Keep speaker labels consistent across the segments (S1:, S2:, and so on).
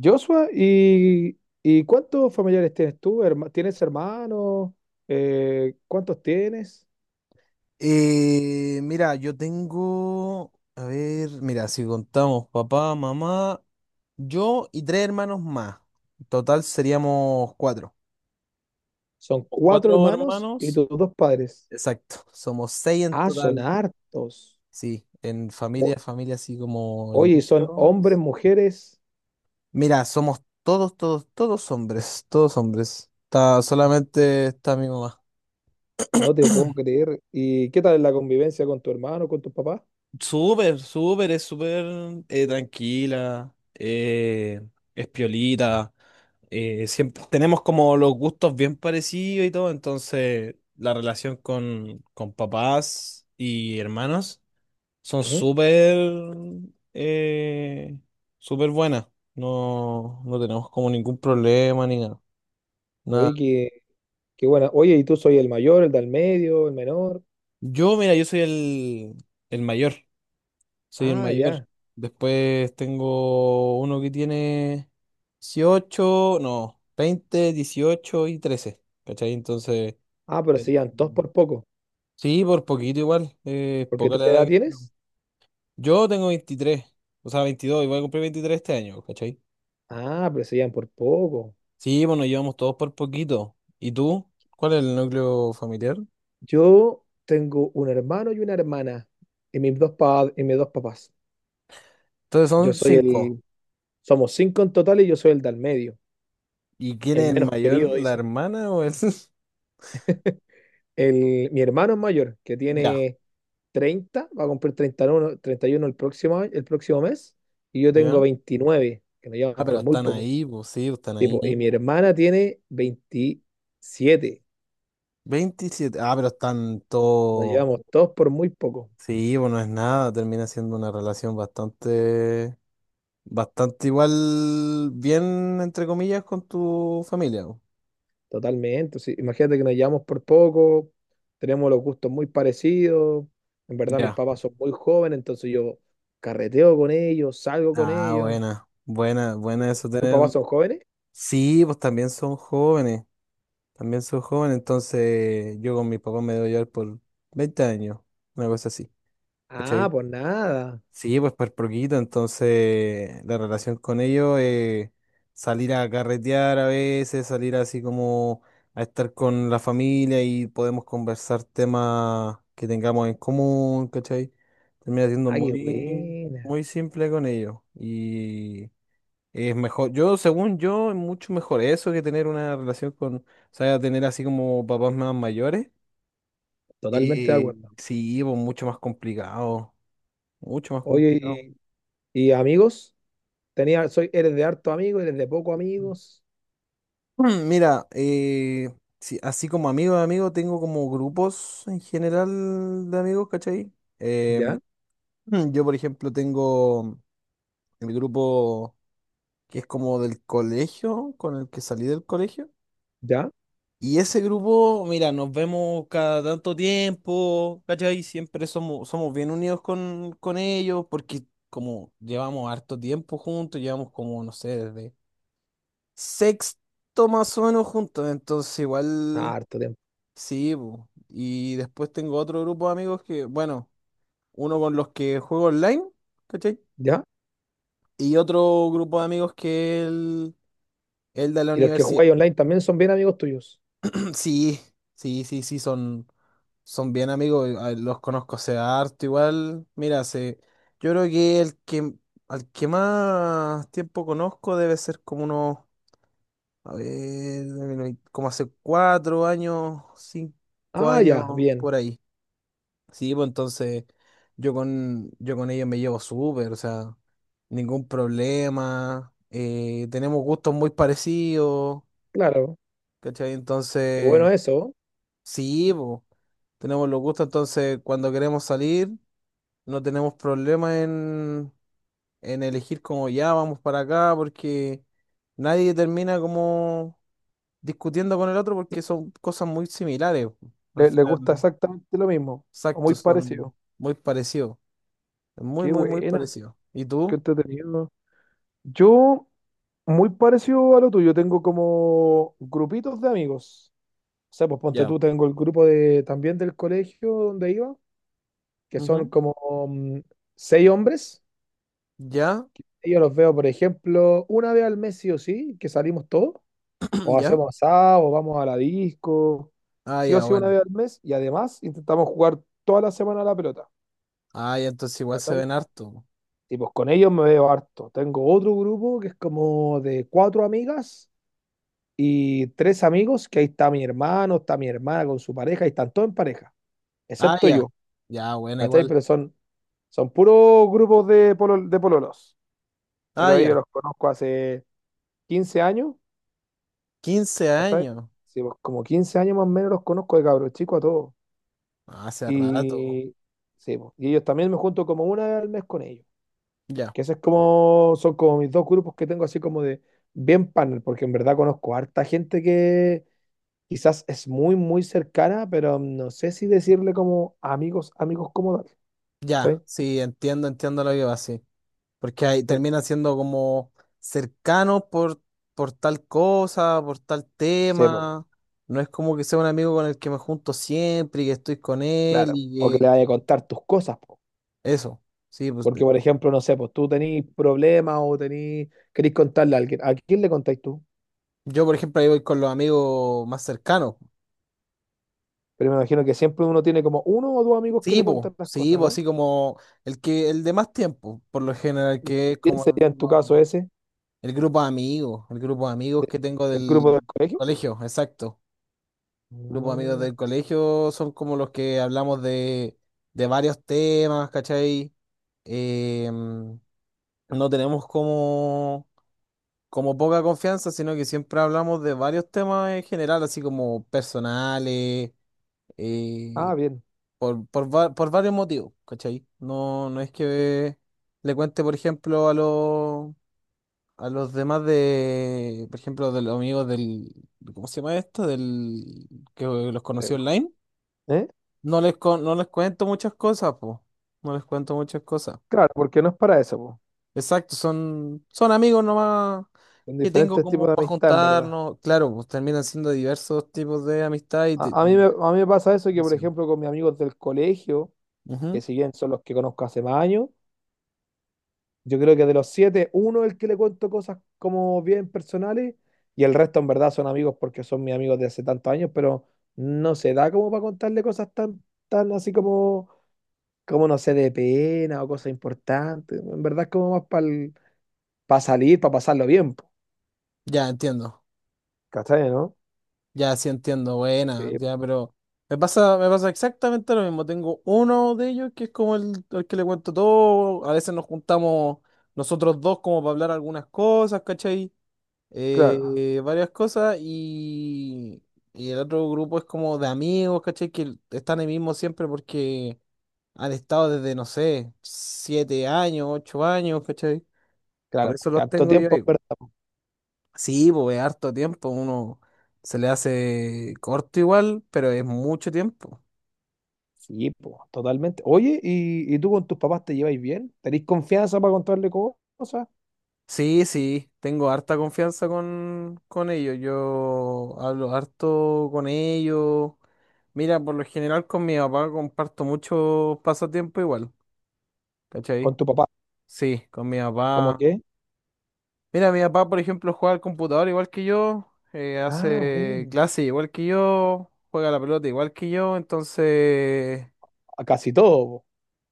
S1: Joshua, ¿Y cuántos familiares tienes tú? ¿Tienes hermanos? ¿Cuántos tienes?
S2: Mira, yo tengo, a ver, mira, si contamos papá, mamá, yo y tres hermanos más. En total seríamos cuatro.
S1: Son
S2: Los
S1: cuatro
S2: cuatro
S1: hermanos y
S2: hermanos.
S1: tus dos padres.
S2: Exacto, somos seis en
S1: Ah, son
S2: total.
S1: hartos.
S2: Sí, en
S1: O-
S2: familia, familia así como el
S1: oye,
S2: núcleo,
S1: son
S2: ¿no?
S1: hombres, mujeres.
S2: Mira, somos todos, todos, todos hombres, todos hombres. Solamente está mi mamá.
S1: No te puedo creer. ¿Y qué tal la convivencia con tu hermano, con tu papá?
S2: Súper, súper, es súper, tranquila, es piolita. Siempre tenemos como los gustos bien parecidos y todo, entonces la relación con papás y hermanos son
S1: Ujú.
S2: súper, eh, súper buenas. No, no tenemos como ningún problema ni nada. Nada.
S1: Oye, qué buena. Oye, ¿y tú soy el mayor, el del medio, el menor?
S2: Yo, mira, yo soy el mayor, soy el
S1: Ah,
S2: mayor.
S1: ya.
S2: Después tengo uno que tiene 18 no, 20, 18 y 13, ¿cachai? Entonces...
S1: Ah, pero se llevan todos por poco.
S2: Sí, por poquito igual.
S1: ¿Porque
S2: Poca
S1: tú
S2: la
S1: qué
S2: edad
S1: edad
S2: que...
S1: tienes?
S2: Yo tengo 23, o sea, 22 y voy a cumplir 23 este año, ¿cachai?
S1: Ah, pero se llevan por poco.
S2: Sí, bueno, llevamos todos por poquito. ¿Y tú? ¿Cuál es el núcleo familiar?
S1: Yo tengo un hermano y una hermana y mis dos papás.
S2: Entonces
S1: Yo
S2: son
S1: soy
S2: cinco.
S1: el... Somos cinco en total y yo soy el del medio,
S2: ¿Y quién
S1: el
S2: es el
S1: menos
S2: mayor?
S1: querido,
S2: ¿La
S1: dicen.
S2: hermana o el...?
S1: Mi hermano es mayor, que
S2: Ya.
S1: tiene 30, va a cumplir 31 el próximo, el próximo mes, y yo tengo
S2: ¿Ya?
S1: 29, que nos
S2: Ah,
S1: llevamos
S2: pero
S1: por muy
S2: están
S1: poco.
S2: ahí, pues sí, pues, están ahí
S1: Tipo, y mi
S2: mismo.
S1: hermana tiene 27.
S2: 27. Ah, pero están
S1: Nos
S2: todos...
S1: llevamos todos por muy poco.
S2: Sí, bueno, no es nada. Termina siendo una relación bastante... Bastante igual, bien, entre comillas, con tu familia.
S1: Totalmente, sí. Imagínate que nos llevamos por poco, tenemos los gustos muy parecidos, en verdad mis
S2: Ya.
S1: papás son muy jóvenes, entonces yo carreteo con ellos, salgo con
S2: Ah,
S1: ellos.
S2: buena, buena, buena eso
S1: ¿Tus
S2: tener.
S1: papás son jóvenes?
S2: Sí, pues también son jóvenes, entonces yo con mi papá me debo llevar por 20 años, una cosa así,
S1: Ah,
S2: ¿cachai?
S1: pues nada.
S2: Sí, pues por poquito, entonces la relación con ellos es salir a carretear a veces, salir así como a estar con la familia y podemos conversar temas que tengamos en común, ¿cachai? Termina siendo
S1: Ah, qué
S2: muy,
S1: buena.
S2: muy simple con ellos y... Es mejor, yo, según yo, es mucho mejor eso que tener una relación o sea, tener así como papás más mayores.
S1: Totalmente de
S2: Eh,
S1: acuerdo.
S2: sí, pues mucho más complicado, mucho más complicado.
S1: Oye, ¿Y amigos? Eres de harto amigo, eres de poco amigos.
S2: Mira, sí, así como amigo de amigo, tengo como grupos en general de amigos, ¿cachai? Em,
S1: ¿Ya?
S2: yo, por ejemplo, tengo el grupo que es como del colegio, con el que salí del colegio.
S1: ¿Ya?
S2: Y ese grupo, mira, nos vemos cada tanto tiempo, ¿cachai? Siempre somos bien unidos con ellos, porque como llevamos harto tiempo juntos, llevamos como, no sé, desde sexto más o menos juntos, entonces
S1: Ah,
S2: igual,
S1: harto tiempo.
S2: sí, po. Y después tengo otro grupo de amigos que, bueno, uno con los que juego online, ¿cachai?
S1: ¿Ya?
S2: Y otro grupo de amigos que es el de la
S1: ¿Y los que
S2: universidad.
S1: jugáis online también son bien amigos tuyos?
S2: Sí, sí, sí, sí, son bien amigos, los conozco hace harto igual. Mira, yo creo que el que al que más tiempo conozco debe ser como unos, a ver, como hace 4 años, cinco
S1: Ah, ya,
S2: años
S1: bien.
S2: por ahí. Sí, pues entonces yo con ellos me llevo súper, o sea, ningún problema, tenemos gustos muy parecidos,
S1: Claro.
S2: ¿cachai?
S1: Qué
S2: Entonces...
S1: bueno eso.
S2: Sí, po. Tenemos los gustos, entonces cuando queremos salir no tenemos problema en elegir como ya vamos para acá, porque nadie termina como discutiendo con el otro porque son cosas muy similares, po. Al
S1: Le
S2: final,
S1: gusta exactamente lo mismo, o
S2: exacto,
S1: muy
S2: son
S1: parecido.
S2: muy parecidos. Muy,
S1: Qué
S2: muy, muy
S1: buena,
S2: parecidos. ¿Y
S1: qué
S2: tú?
S1: entretenido. Yo, muy parecido a lo tuyo, tengo como grupitos de amigos. O sea, pues ponte
S2: Ya.
S1: tú, tengo el grupo de, también del colegio donde iba, que son
S2: Ujú.
S1: como mm, seis hombres.
S2: ¿Ya?
S1: Y yo los veo, por ejemplo, una vez al mes sí o sí, que salimos todos, o
S2: ¿Ya?
S1: hacemos asado, o vamos a la disco,
S2: Ah,
S1: sí o
S2: ya,
S1: sí una
S2: bueno.
S1: vez al mes, y además intentamos jugar toda la semana a la pelota.
S2: Ah, ya, entonces igual se
S1: ¿Cachai?
S2: ven harto, po.
S1: Y pues con ellos me veo harto. Tengo otro grupo que es como de cuatro amigas y tres amigos, que ahí está mi hermano, está mi hermana con su pareja, y están todos en pareja,
S2: Ah,
S1: excepto
S2: ya.
S1: yo,
S2: Ya, bueno,
S1: ¿cachai?
S2: igual.
S1: Pero son puros grupos de, de pololos.
S2: Ah,
S1: Pero a ellos
S2: ya.
S1: los conozco hace 15 años,
S2: quince
S1: ¿cachai?
S2: años.
S1: Sí, pues, como 15 años más o menos los conozco de cabros chicos a todos.
S2: Ah, hace rato.
S1: Y, sí, pues, y ellos también me junto como una vez al mes con ellos.
S2: Ya,
S1: Que ese es como, son como mis dos grupos que tengo así como de bien panel, porque en verdad conozco harta gente que quizás es muy, muy cercana, pero no sé si decirle como amigos, amigos como tal.
S2: ya,
S1: ¿Cachai?
S2: sí, entiendo, entiendo lo que va así. Porque ahí
S1: Sí,
S2: termina siendo como cercano por tal cosa, por tal
S1: sí, po,
S2: tema. No es como que sea un amigo con el que me junto siempre y que estoy con él
S1: claro. O que
S2: y
S1: le
S2: que...
S1: vaya a contar tus cosas, po.
S2: Eso, sí, pues,
S1: Porque, por ejemplo, no sé, pues tú tenés problemas o querés contarle a alguien. ¿A quién le contáis tú?
S2: yo por ejemplo ahí voy con los amigos más cercanos.
S1: Pero me imagino que siempre uno tiene como uno o dos amigos que le cuentan las
S2: Sí,
S1: cosas,
S2: pues
S1: ¿no?
S2: así como el de más tiempo, por lo general, que
S1: Y
S2: es
S1: quién
S2: como
S1: sería en tu caso ese?
S2: el grupo de amigos que tengo
S1: ¿El
S2: del
S1: grupo del colegio?
S2: colegio, exacto. Grupos de amigos
S1: Mm.
S2: del colegio son como los que hablamos de varios temas, ¿cachai? Em, no tenemos como poca confianza, sino que siempre hablamos de varios temas en general, así como personales,
S1: Ah,
S2: eh,
S1: bien.
S2: por varios motivos, ¿cachai? No, no es que le cuente, por ejemplo, a los demás de, por ejemplo, de los amigos del, ¿cómo se llama esto? Del que los
S1: Sí.
S2: conocí online.
S1: ¿Eh?
S2: No les cuento muchas cosas, po. No les cuento muchas cosas.
S1: Claro, porque no es para eso, po.
S2: Exacto, son amigos nomás
S1: Son
S2: que tengo
S1: diferentes tipos
S2: como
S1: de
S2: para
S1: amistad, en verdad.
S2: juntarnos. Claro, pues terminan siendo diversos tipos de amistad y
S1: A mí me pasa eso que, por
S2: relación.
S1: ejemplo, con mis amigos del colegio, que
S2: Ujú.
S1: si bien son los que conozco hace más años, yo creo que de los siete, uno es el que le cuento cosas como bien personales y el resto en verdad son amigos porque son mis amigos de hace tantos años, pero no se da como para contarle cosas tan, tan así como, no sé, de pena o cosas importantes. En verdad es como más para salir, para pasarlo bien, po.
S2: Ya entiendo.
S1: ¿Cachai, no?
S2: Ya sí entiendo. Buena,
S1: Sí, po.
S2: ya, pero me pasa exactamente lo mismo. Tengo uno de ellos que es como el que le cuento todo. A veces nos juntamos nosotros dos como para hablar algunas cosas, ¿cachai?
S1: Claro.
S2: Varias cosas y el otro grupo es como de amigos, ¿cachai? Que están ahí mismo siempre porque han estado desde, no sé, 7 años, 8 años, ¿cachai? Por
S1: Claro,
S2: eso
S1: porque
S2: los
S1: harto
S2: tengo yo
S1: tiempo, en
S2: ahí.
S1: verdad, po.
S2: Sí, pues es harto tiempo, uno se le hace corto igual, pero es mucho tiempo.
S1: Sí, po, totalmente. Oye, ¿Y tú con tus papás te lleváis bien? ¿Tenéis confianza para contarle cosas?
S2: Sí, sí, tengo harta confianza con ellos. Yo hablo harto con ellos. Mira, por lo general con mi papá comparto mucho pasatiempo igual,
S1: ¿Con
S2: ¿cachai?
S1: tu papá?
S2: Sí, con mi
S1: ¿Cómo
S2: papá.
S1: qué?
S2: Mira, mi papá, por ejemplo, juega al computador igual que yo,
S1: Ah,
S2: hace
S1: bueno.
S2: clase igual que yo, juega a la pelota igual que yo, entonces
S1: A casi todo, po.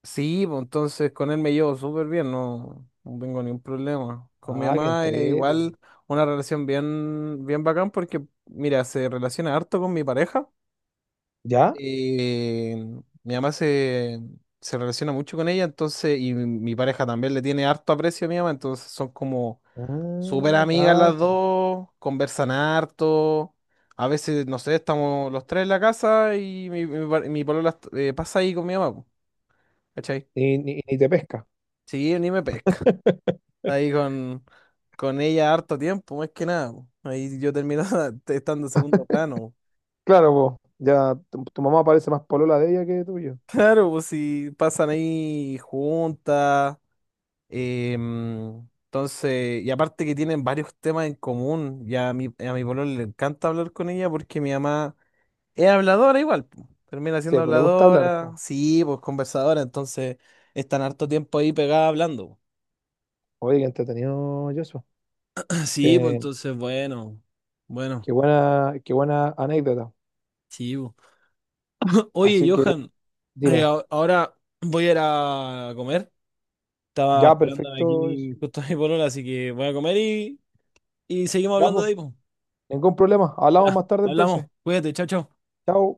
S2: Sí, pues entonces con él me llevo súper bien, no, no tengo ningún problema. Con mi
S1: Ah, que
S2: mamá es
S1: entreten.
S2: igual una relación bien, bien bacán porque, mira, se relaciona harto con mi pareja.
S1: ¿Ya?
S2: Y mi mamá se relaciona mucho con ella, entonces, y mi pareja también le tiene harto aprecio a mi mamá, entonces son como súper
S1: Ah,
S2: amigas las
S1: cacha.
S2: dos, conversan harto. A veces, no sé, estamos los tres en la casa y mi mi polola pasa ahí con mi mamá, po, ¿cachai?
S1: Y ni te pesca.
S2: Sí, ni me pesca. Ahí con ella harto tiempo, más que nada, po. Ahí yo terminaba estando en segundo plano, po.
S1: Claro, po. Ya tu mamá parece más polola de ella que tuyo.
S2: Claro, pues si pasan ahí juntas. Entonces, y aparte que tienen varios temas en común. Y a mi pololo le encanta hablar con ella porque mi mamá es habladora igual, po. Termina siendo
S1: Sí, pues le gusta hablar,
S2: habladora,
S1: po.
S2: sí, pues conversadora. Entonces, están harto tiempo ahí pegada hablando, po.
S1: Oye, qué entretenido, Joshua.
S2: Sí, pues
S1: Qué,
S2: entonces, bueno, bueno,
S1: qué buena, qué buena anécdota.
S2: sí, pues. Oye,
S1: Así que
S2: Johan. Ay,
S1: dime.
S2: ahora voy a ir a comer. Estaba
S1: Ya,
S2: esperando
S1: perfecto.
S2: aquí justo a mi polola, así que voy a comer y seguimos
S1: Ya,
S2: hablando
S1: pues,
S2: de ahí, po.
S1: ningún problema. Hablamos
S2: Ya,
S1: más tarde
S2: hablamos.
S1: entonces.
S2: Cuídate, chao, chao.
S1: Chao.